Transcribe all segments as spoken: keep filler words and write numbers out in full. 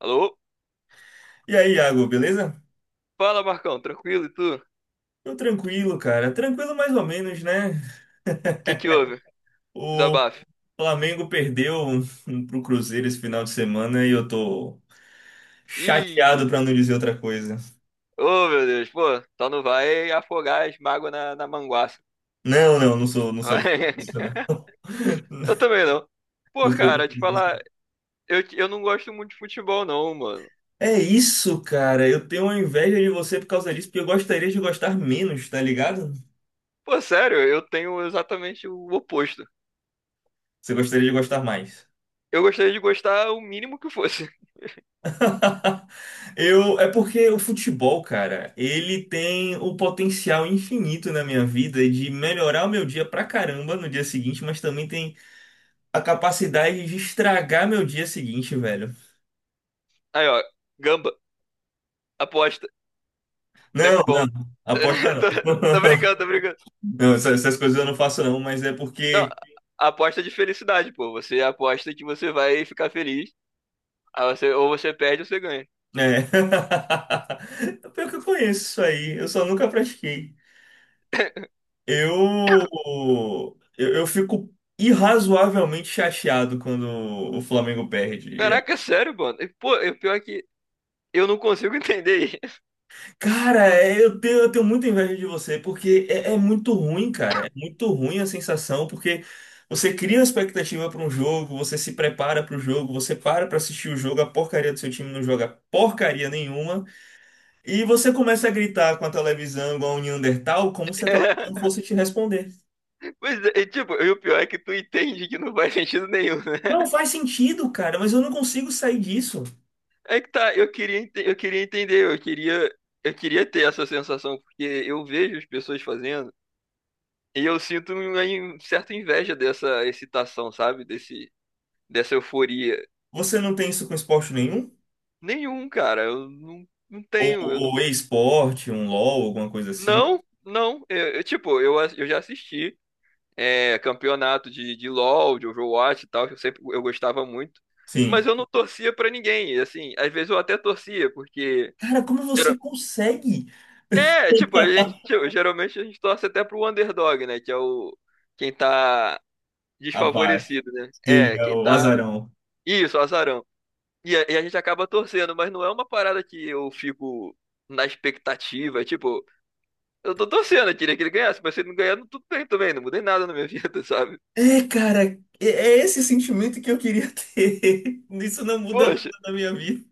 Alô? E aí, Iago, beleza? Fala, Marcão, tranquilo e tu? O Tô tranquilo, cara. Tranquilo mais ou menos, né? que que houve? O Desabafo. Flamengo perdeu pro Cruzeiro esse final de semana e eu tô Ih, chateado pra não dizer outra coisa. ô meu Deus, pô, só não vai afogar as mágoas na, na manguaça. Não, não, não sou, não sou de fazer isso, não. Eu também não. Pô, Não sou cara, de te fazer falar, isso. eu, eu não gosto muito de futebol, não, mano. É isso, cara. Eu tenho uma inveja de você por causa disso, porque eu gostaria de gostar menos, tá ligado? Pô, sério, eu tenho exatamente o oposto. Você gostaria de gostar mais. Eu gostaria de gostar o mínimo que fosse. Eu, é porque o futebol, cara, ele tem o potencial infinito na minha vida de melhorar o meu dia pra caramba no dia seguinte, mas também tem a capacidade de estragar meu dia seguinte, velho. Aí, ó, gamba, aposta, Não, sempre bom. não, aposta não. Tô, tô brincando, tô brincando. Não, essas, essas coisas eu não faço não, mas é Não, porque, aposta de felicidade, pô. Você aposta que você vai ficar feliz. Aí você, ou você perde ou você ganha. né? É. Pior que eu conheço isso aí, eu só nunca pratiquei. Eu, eu, eu fico irrazoavelmente chateado quando o Flamengo perde. É, Caraca, sério, mano. E, pô, e o pior é que eu não consigo entender isso. cara, é, eu tenho, eu tenho muita inveja de você, porque é, é muito ruim, cara. É muito ruim a sensação, porque você cria uma expectativa para um jogo, você se prepara para o jogo, você para para assistir o jogo, a porcaria do seu time não joga porcaria nenhuma, e você começa a gritar com a televisão igual um Neandertal, como se a televisão fosse te responder. É, pois é, e, tipo, e o pior é que tu entende que não faz sentido nenhum, né? Não faz sentido, cara, mas eu não consigo sair disso. É que tá, eu queria, ente- eu queria entender, eu queria, eu queria ter essa sensação, porque eu vejo as pessoas fazendo e eu sinto uma in- certa inveja dessa excitação, sabe? Desse, dessa euforia. Você não tem isso com esporte nenhum? Nenhum, cara, eu não, não Ou, tenho, eu ou não. e-esporte, um LOL, alguma coisa assim? Não, não. Eu, eu, tipo, eu, ass- eu já assisti. É, campeonato de, de LoL, de Overwatch e tal, que eu sempre eu gostava muito. Mas Sim. eu não torcia pra ninguém. E, assim, às vezes eu até torcia, porque... Cara, como gera- você consegue? É, tipo, a gente tipo, geralmente a gente torce até pro underdog, né? Que é o quem tá Abaixo. desfavorecido, né? Sim, É, é quem o tá. azarão. Isso, azarão. E a, e a gente acaba torcendo, mas não é uma parada que eu fico na expectativa. Tipo, eu tô torcendo, eu queria que ele ganhasse, mas se ele não ganhar, não- tudo bem também, não mudei nada na minha vida, sabe? É, cara, é é esse sentimento que eu queria ter. Isso não muda nada Poxa. na minha vida.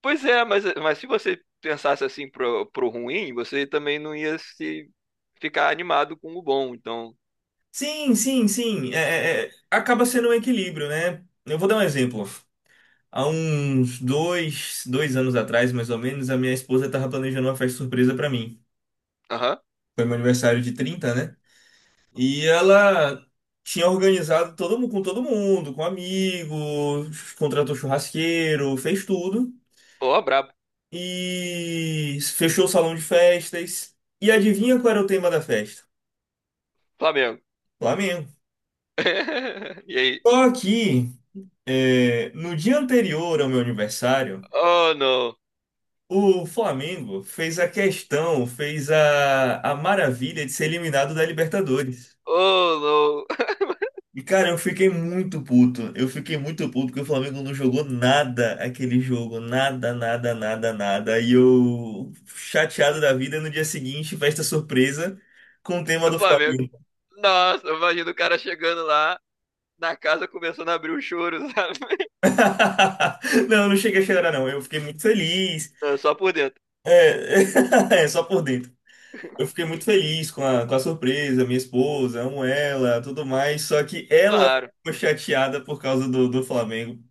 Pois é, mas, mas se você pensasse assim pro, pro ruim, você também não ia se ficar animado com o bom. Então... Sim, sim, sim. É, é, é, acaba sendo um equilíbrio, né? Eu vou dar um exemplo. Há uns dois, dois anos atrás, mais ou menos, a minha esposa estava planejando uma festa surpresa para mim. Aham. Foi meu aniversário de trinta, né? E ela tinha organizado todo mundo com todo mundo, com amigos, contratou churrasqueiro, fez tudo. Ó, brabo. E fechou o salão de festas. E adivinha qual era o tema da festa? Flamengo. Flamengo. E aí? Só que é, no dia anterior ao meu aniversário, Oh, não. o Flamengo fez a questão, fez a, a maravilha de ser eliminado da Libertadores. Oh, não. E, cara, eu fiquei muito puto. Eu fiquei muito puto porque o Flamengo não jogou nada aquele jogo. Nada, nada, nada, nada. E eu, chateado da vida, no dia seguinte, festa surpresa com o tema Do do Flamengo. Flamengo. Nossa, imagina o cara chegando lá na casa começando a abrir o choro, sabe? Não, eu não cheguei a chorar, não. Eu fiquei muito feliz. Não, só por dentro. É, é, só por dentro. Eu fiquei muito feliz com a, com a surpresa, minha esposa, amo ela, tudo mais. Só que ela Claro, ficou chateada por causa do, do Flamengo.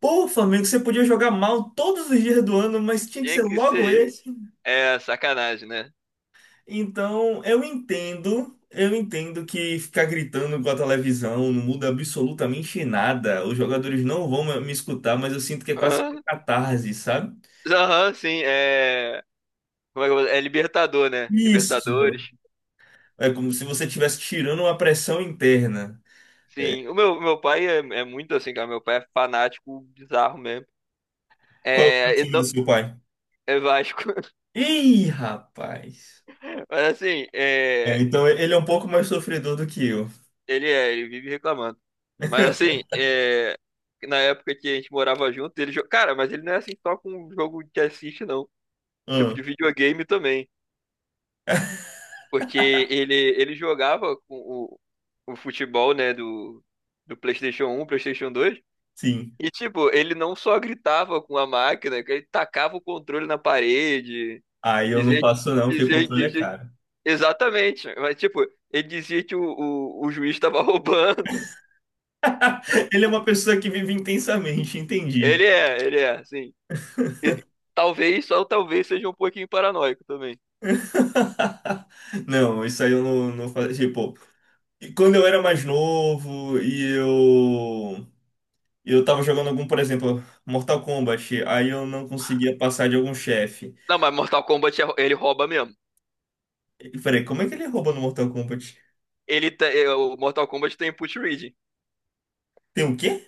Pô, Flamengo, você podia jogar mal todos os dias do ano, mas tinha que tinha ser que logo ser isso. esse. É sacanagem, né? Então, eu entendo, eu entendo que ficar gritando com a televisão não muda absolutamente nada. Os jogadores não vão me me escutar, mas eu sinto que é quase uma Aham, catarse, sabe? aham, sim, é. Como é que eu vou- é Libertador, né? Isso. Libertadores. É como se você estivesse tirando uma pressão interna. É, Sim, o meu, meu pai é, é muito assim, cara. Meu pai é fanático bizarro mesmo. qual é o É, ele time não, do seu pai? é Vasco. Ih, rapaz. Mas assim, É, é, então, ele é um pouco mais sofredor do que eu. ele é, ele vive reclamando. Mas assim, é, na época que a gente morava junto, ele jogava. Cara, mas ele não é assim só com o jogo que assiste, não. Tipo Ah, de videogame também. Porque ele, ele jogava com o, o futebol, né, do, do PlayStation um, PlayStation dois. sim. E tipo, ele não só gritava com a máquina, que ele tacava o controle na parede. Aí eu não Dizia que, faço não, porque dizia, controle é dizia- caro. exatamente. Mas, tipo, ele dizia que o, o, o juiz estava roubando. Ele é uma pessoa que vive intensamente, entendi. Ele é, ele é, sim. E talvez, só talvez seja um pouquinho paranoico também. Não, isso aí eu não, não fazia. Tipo, e quando eu era mais novo e eu. Eu tava jogando algum, por exemplo, Mortal Kombat, aí eu não conseguia passar de algum chefe. Não, mas Mortal Kombat, é- ele rouba mesmo. E peraí, como é que ele rouba no Mortal Kombat? Ele te- é, o Mortal Kombat tem input reading. Tem o quê?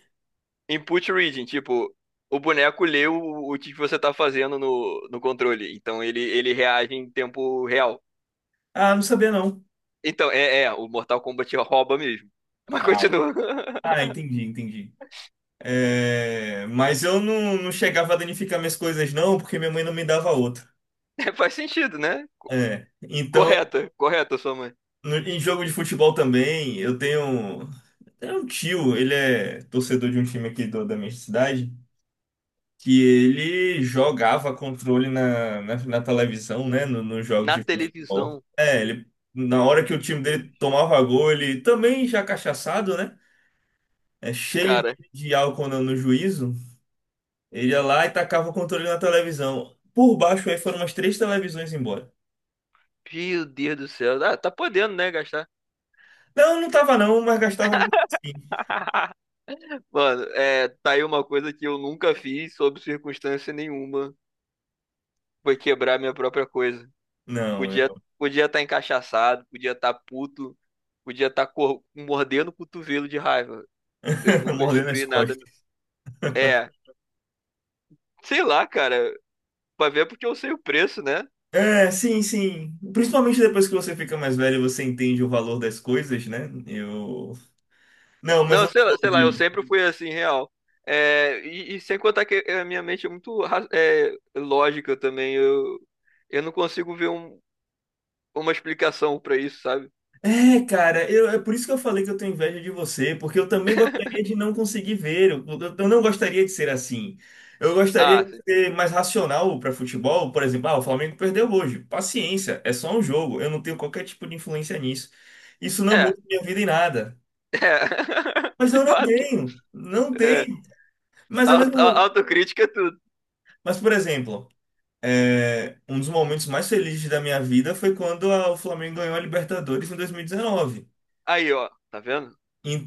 Input reading, tipo, o boneco lê o, o que você tá fazendo no, no controle. Então, ele, ele reage em tempo real. Ah, não sabia não. Então, é, é, o Mortal Kombat rouba mesmo. Mas Ai. continua. Ah, entendi, entendi. É, mas eu não, não chegava a danificar minhas coisas não, porque minha mãe não me dava outra. É, faz sentido, né? É. Então Correta, correta, sua mãe. no- em jogo de futebol também, eu tenho, tenho um tio, ele é torcedor de um time aqui do- da minha cidade, que ele jogava controle na, na, na televisão, né, no- nos jogos Na de futebol. televisão, É, ele, na hora que o e, time dele tomava gol, ele também já cachaçado, né, é, cheio cara, de álcool no, no juízo, ele ia lá e tacava o controle na televisão. Por baixo aí foram umas três televisões embora. meu Deus do céu. Ah, tá podendo, né, gastar. Não, não tava não, mas gastava mesmo assim. Mano, é, tá aí uma coisa que eu nunca fiz, sob circunstância nenhuma. Foi quebrar minha própria coisa. Não, Podia eu podia estar encachaçado, podia estar puto, podia estar cor- mordendo o cotovelo de raiva. Eu nunca mordendo as destruí nada. costas. É, sei lá, cara. Pra ver porque eu sei o preço, né? É, sim, sim. Principalmente depois que você fica mais velho, você entende o valor das coisas, né? Eu. Não, mas Não, eu não sei lá, sou sei lá, eu de. sempre fui assim, real. É, e, e sem contar que a minha mente é muito ra- é, lógica também. Eu, eu não consigo ver um- uma explicação pra isso, sabe? É, cara, eu, é por isso que eu falei que eu tenho inveja de você, porque eu também gostaria de não conseguir ver. Eu, eu- eu não gostaria de ser assim. Eu gostaria Ah, de sim. ser mais racional para futebol, por exemplo, ah, o Flamengo perdeu hoje. Paciência, é só um jogo. Eu não tenho qualquer tipo de influência nisso. Isso não É, é. muda minha vida em nada. Mas De eu não fato, tenho, não é. tenho. Mas ao Auto- a- mesmo, autocrítica é tudo. mas por exemplo. É, um dos momentos mais felizes da minha vida foi quando a- o Flamengo ganhou a Libertadores em dois mil e dezenove. Aí, ó, tá vendo?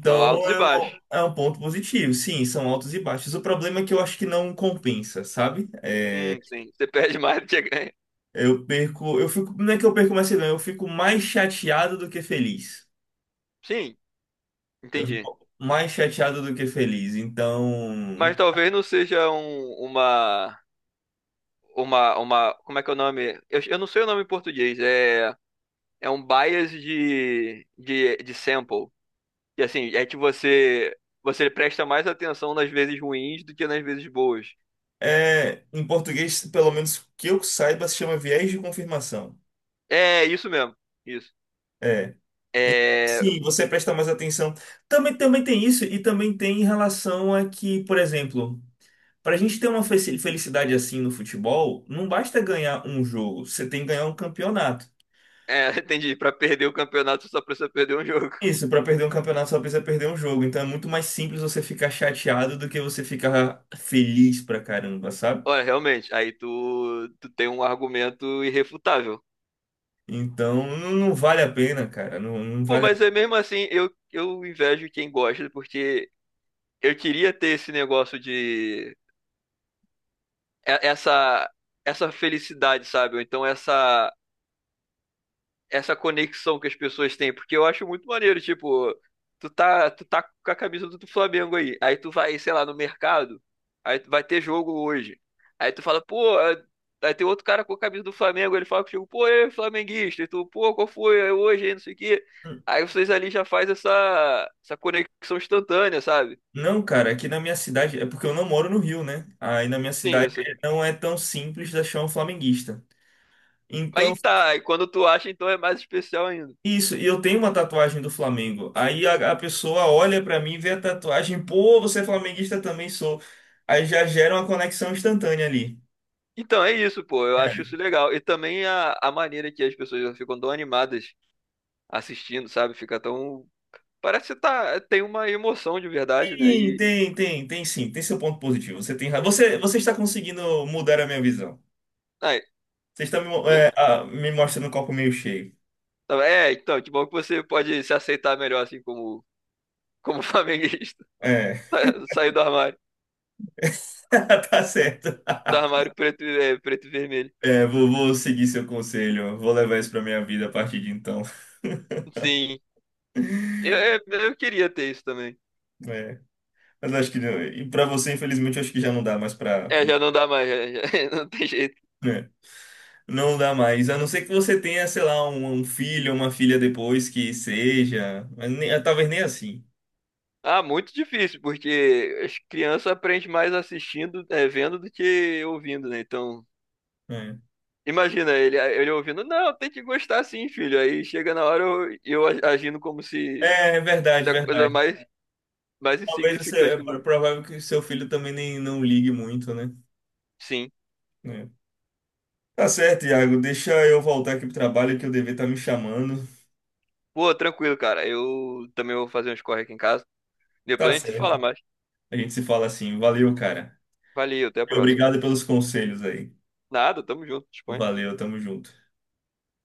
Então, altos e é um, baixos. é um ponto positivo. Sim, são altos e baixos. O problema é que eu acho que não compensa, sabe? É, Hum, sim, você perde mais do que ganha. eu perco, eu fico, não é que eu perco mais que eu ganho, eu fico mais chateado do que feliz. Sim, Eu entendi. fico mais chateado do que feliz. Mas Então, talvez não seja um, uma, uma, uma, como é que é o nome? Eu, eu não sei o nome em português. É. É um bias de, de, de sample. E assim, é que você você presta mais atenção nas vezes ruins do que nas vezes boas. é, em português, pelo menos que eu saiba, se chama viés de confirmação. É isso mesmo. Isso. É. É, Sim, você presta mais atenção. Também, também tem isso, e também tem em relação a que, por exemplo, para a gente ter uma fe- felicidade assim no futebol, não basta ganhar um jogo, você tem que ganhar um campeonato. é, entendi, para perder o campeonato só precisa perder um jogo. Isso, para perder um campeonato só precisa perder um jogo, então é muito mais simples você ficar chateado do que você ficar feliz pra caramba, sabe? Olha, realmente, aí tu, tu tem um argumento irrefutável. Então não, não vale a pena, cara, não, não Pô, vale a mas é mesmo assim, eu, eu invejo quem gosta, porque eu queria ter esse negócio de e- essa essa felicidade, sabe? Ou então essa essa conexão que as pessoas têm, porque eu acho muito maneiro, tipo, tu tá, tu tá com a camisa do do Flamengo aí, aí tu vai, sei lá, no mercado, aí tu vai ter jogo hoje. Aí tu fala, pô, é- aí tem outro cara com a camisa do Flamengo, ele fala contigo, pô, é flamenguista, e tu, pô, qual foi, é hoje, aí, não sei o quê. pena. Aí vocês ali já faz essa, essa conexão instantânea, sabe? Não, cara, aqui na minha cidade, é porque eu não moro no Rio, né? Aí na minha Sim, cidade isso. ah, não é tão simples achar um flamenguista. Aí Então, que tá, aí quando tu acha, então é mais especial ainda. isso, e eu tenho uma tatuagem do Flamengo. Aí a, a pessoa olha pra mim, vê a tatuagem, pô, você é flamenguista também sou. Aí já gera uma conexão instantânea ali. Então é isso, pô, eu acho É. isso legal. E também a, a maneira que as pessoas ficam tão animadas assistindo, sabe? Fica tão... Parece que tá... tem uma emoção de verdade, né? Tem, E... tem, tem, tem sim, tem seu ponto positivo. Você tem razão. Você, você está conseguindo mudar a minha visão. Ai, Você está me, mo- tá vendo? é, ah, me mostrando o copo meio cheio. Tá. É, então, que bom que você pode se aceitar melhor, assim, como, como flamenguista. É, Sa- Sair do armário. tá certo. Do armário preto, e- é, preto e vermelho. É, vou, vou seguir seu conselho, vou levar isso pra minha vida a partir de então. Sim. Eu, eu, eu queria ter isso também. É, mas acho que não, e para você, infelizmente, eu acho que já não dá mais pra. É, já não dá mais, já, já- não tem jeito. Né, não dá mais, a não ser que você tenha, sei lá, um, um filho, uma filha depois que seja, mas nem- é, talvez nem assim. Ah, muito difícil, porque as crianças aprendem mais assistindo, é, vendo do que ouvindo, né? Então... Né. Imagina ele, ele ouvindo, não, tem que gostar sim, filho. Aí chega na hora eu, eu a- agindo como se É, é verdade, é a coisa verdade. mais, mais Talvez você, insignificante é do pro- mundo. provável que seu filho também nem não ligue muito, né? Sim. É. Tá certo, Iago, deixa eu voltar aqui pro trabalho que o dever tá me chamando. Pô, tranquilo, cara. Eu também vou fazer uns corre aqui em casa. Tá Depois a gente se fala certo. mais. A gente se fala assim, valeu, cara. Valeu, até a E próxima. obrigado pelos conselhos aí. Nada, tamo junto, disponha. Valeu, tamo junto.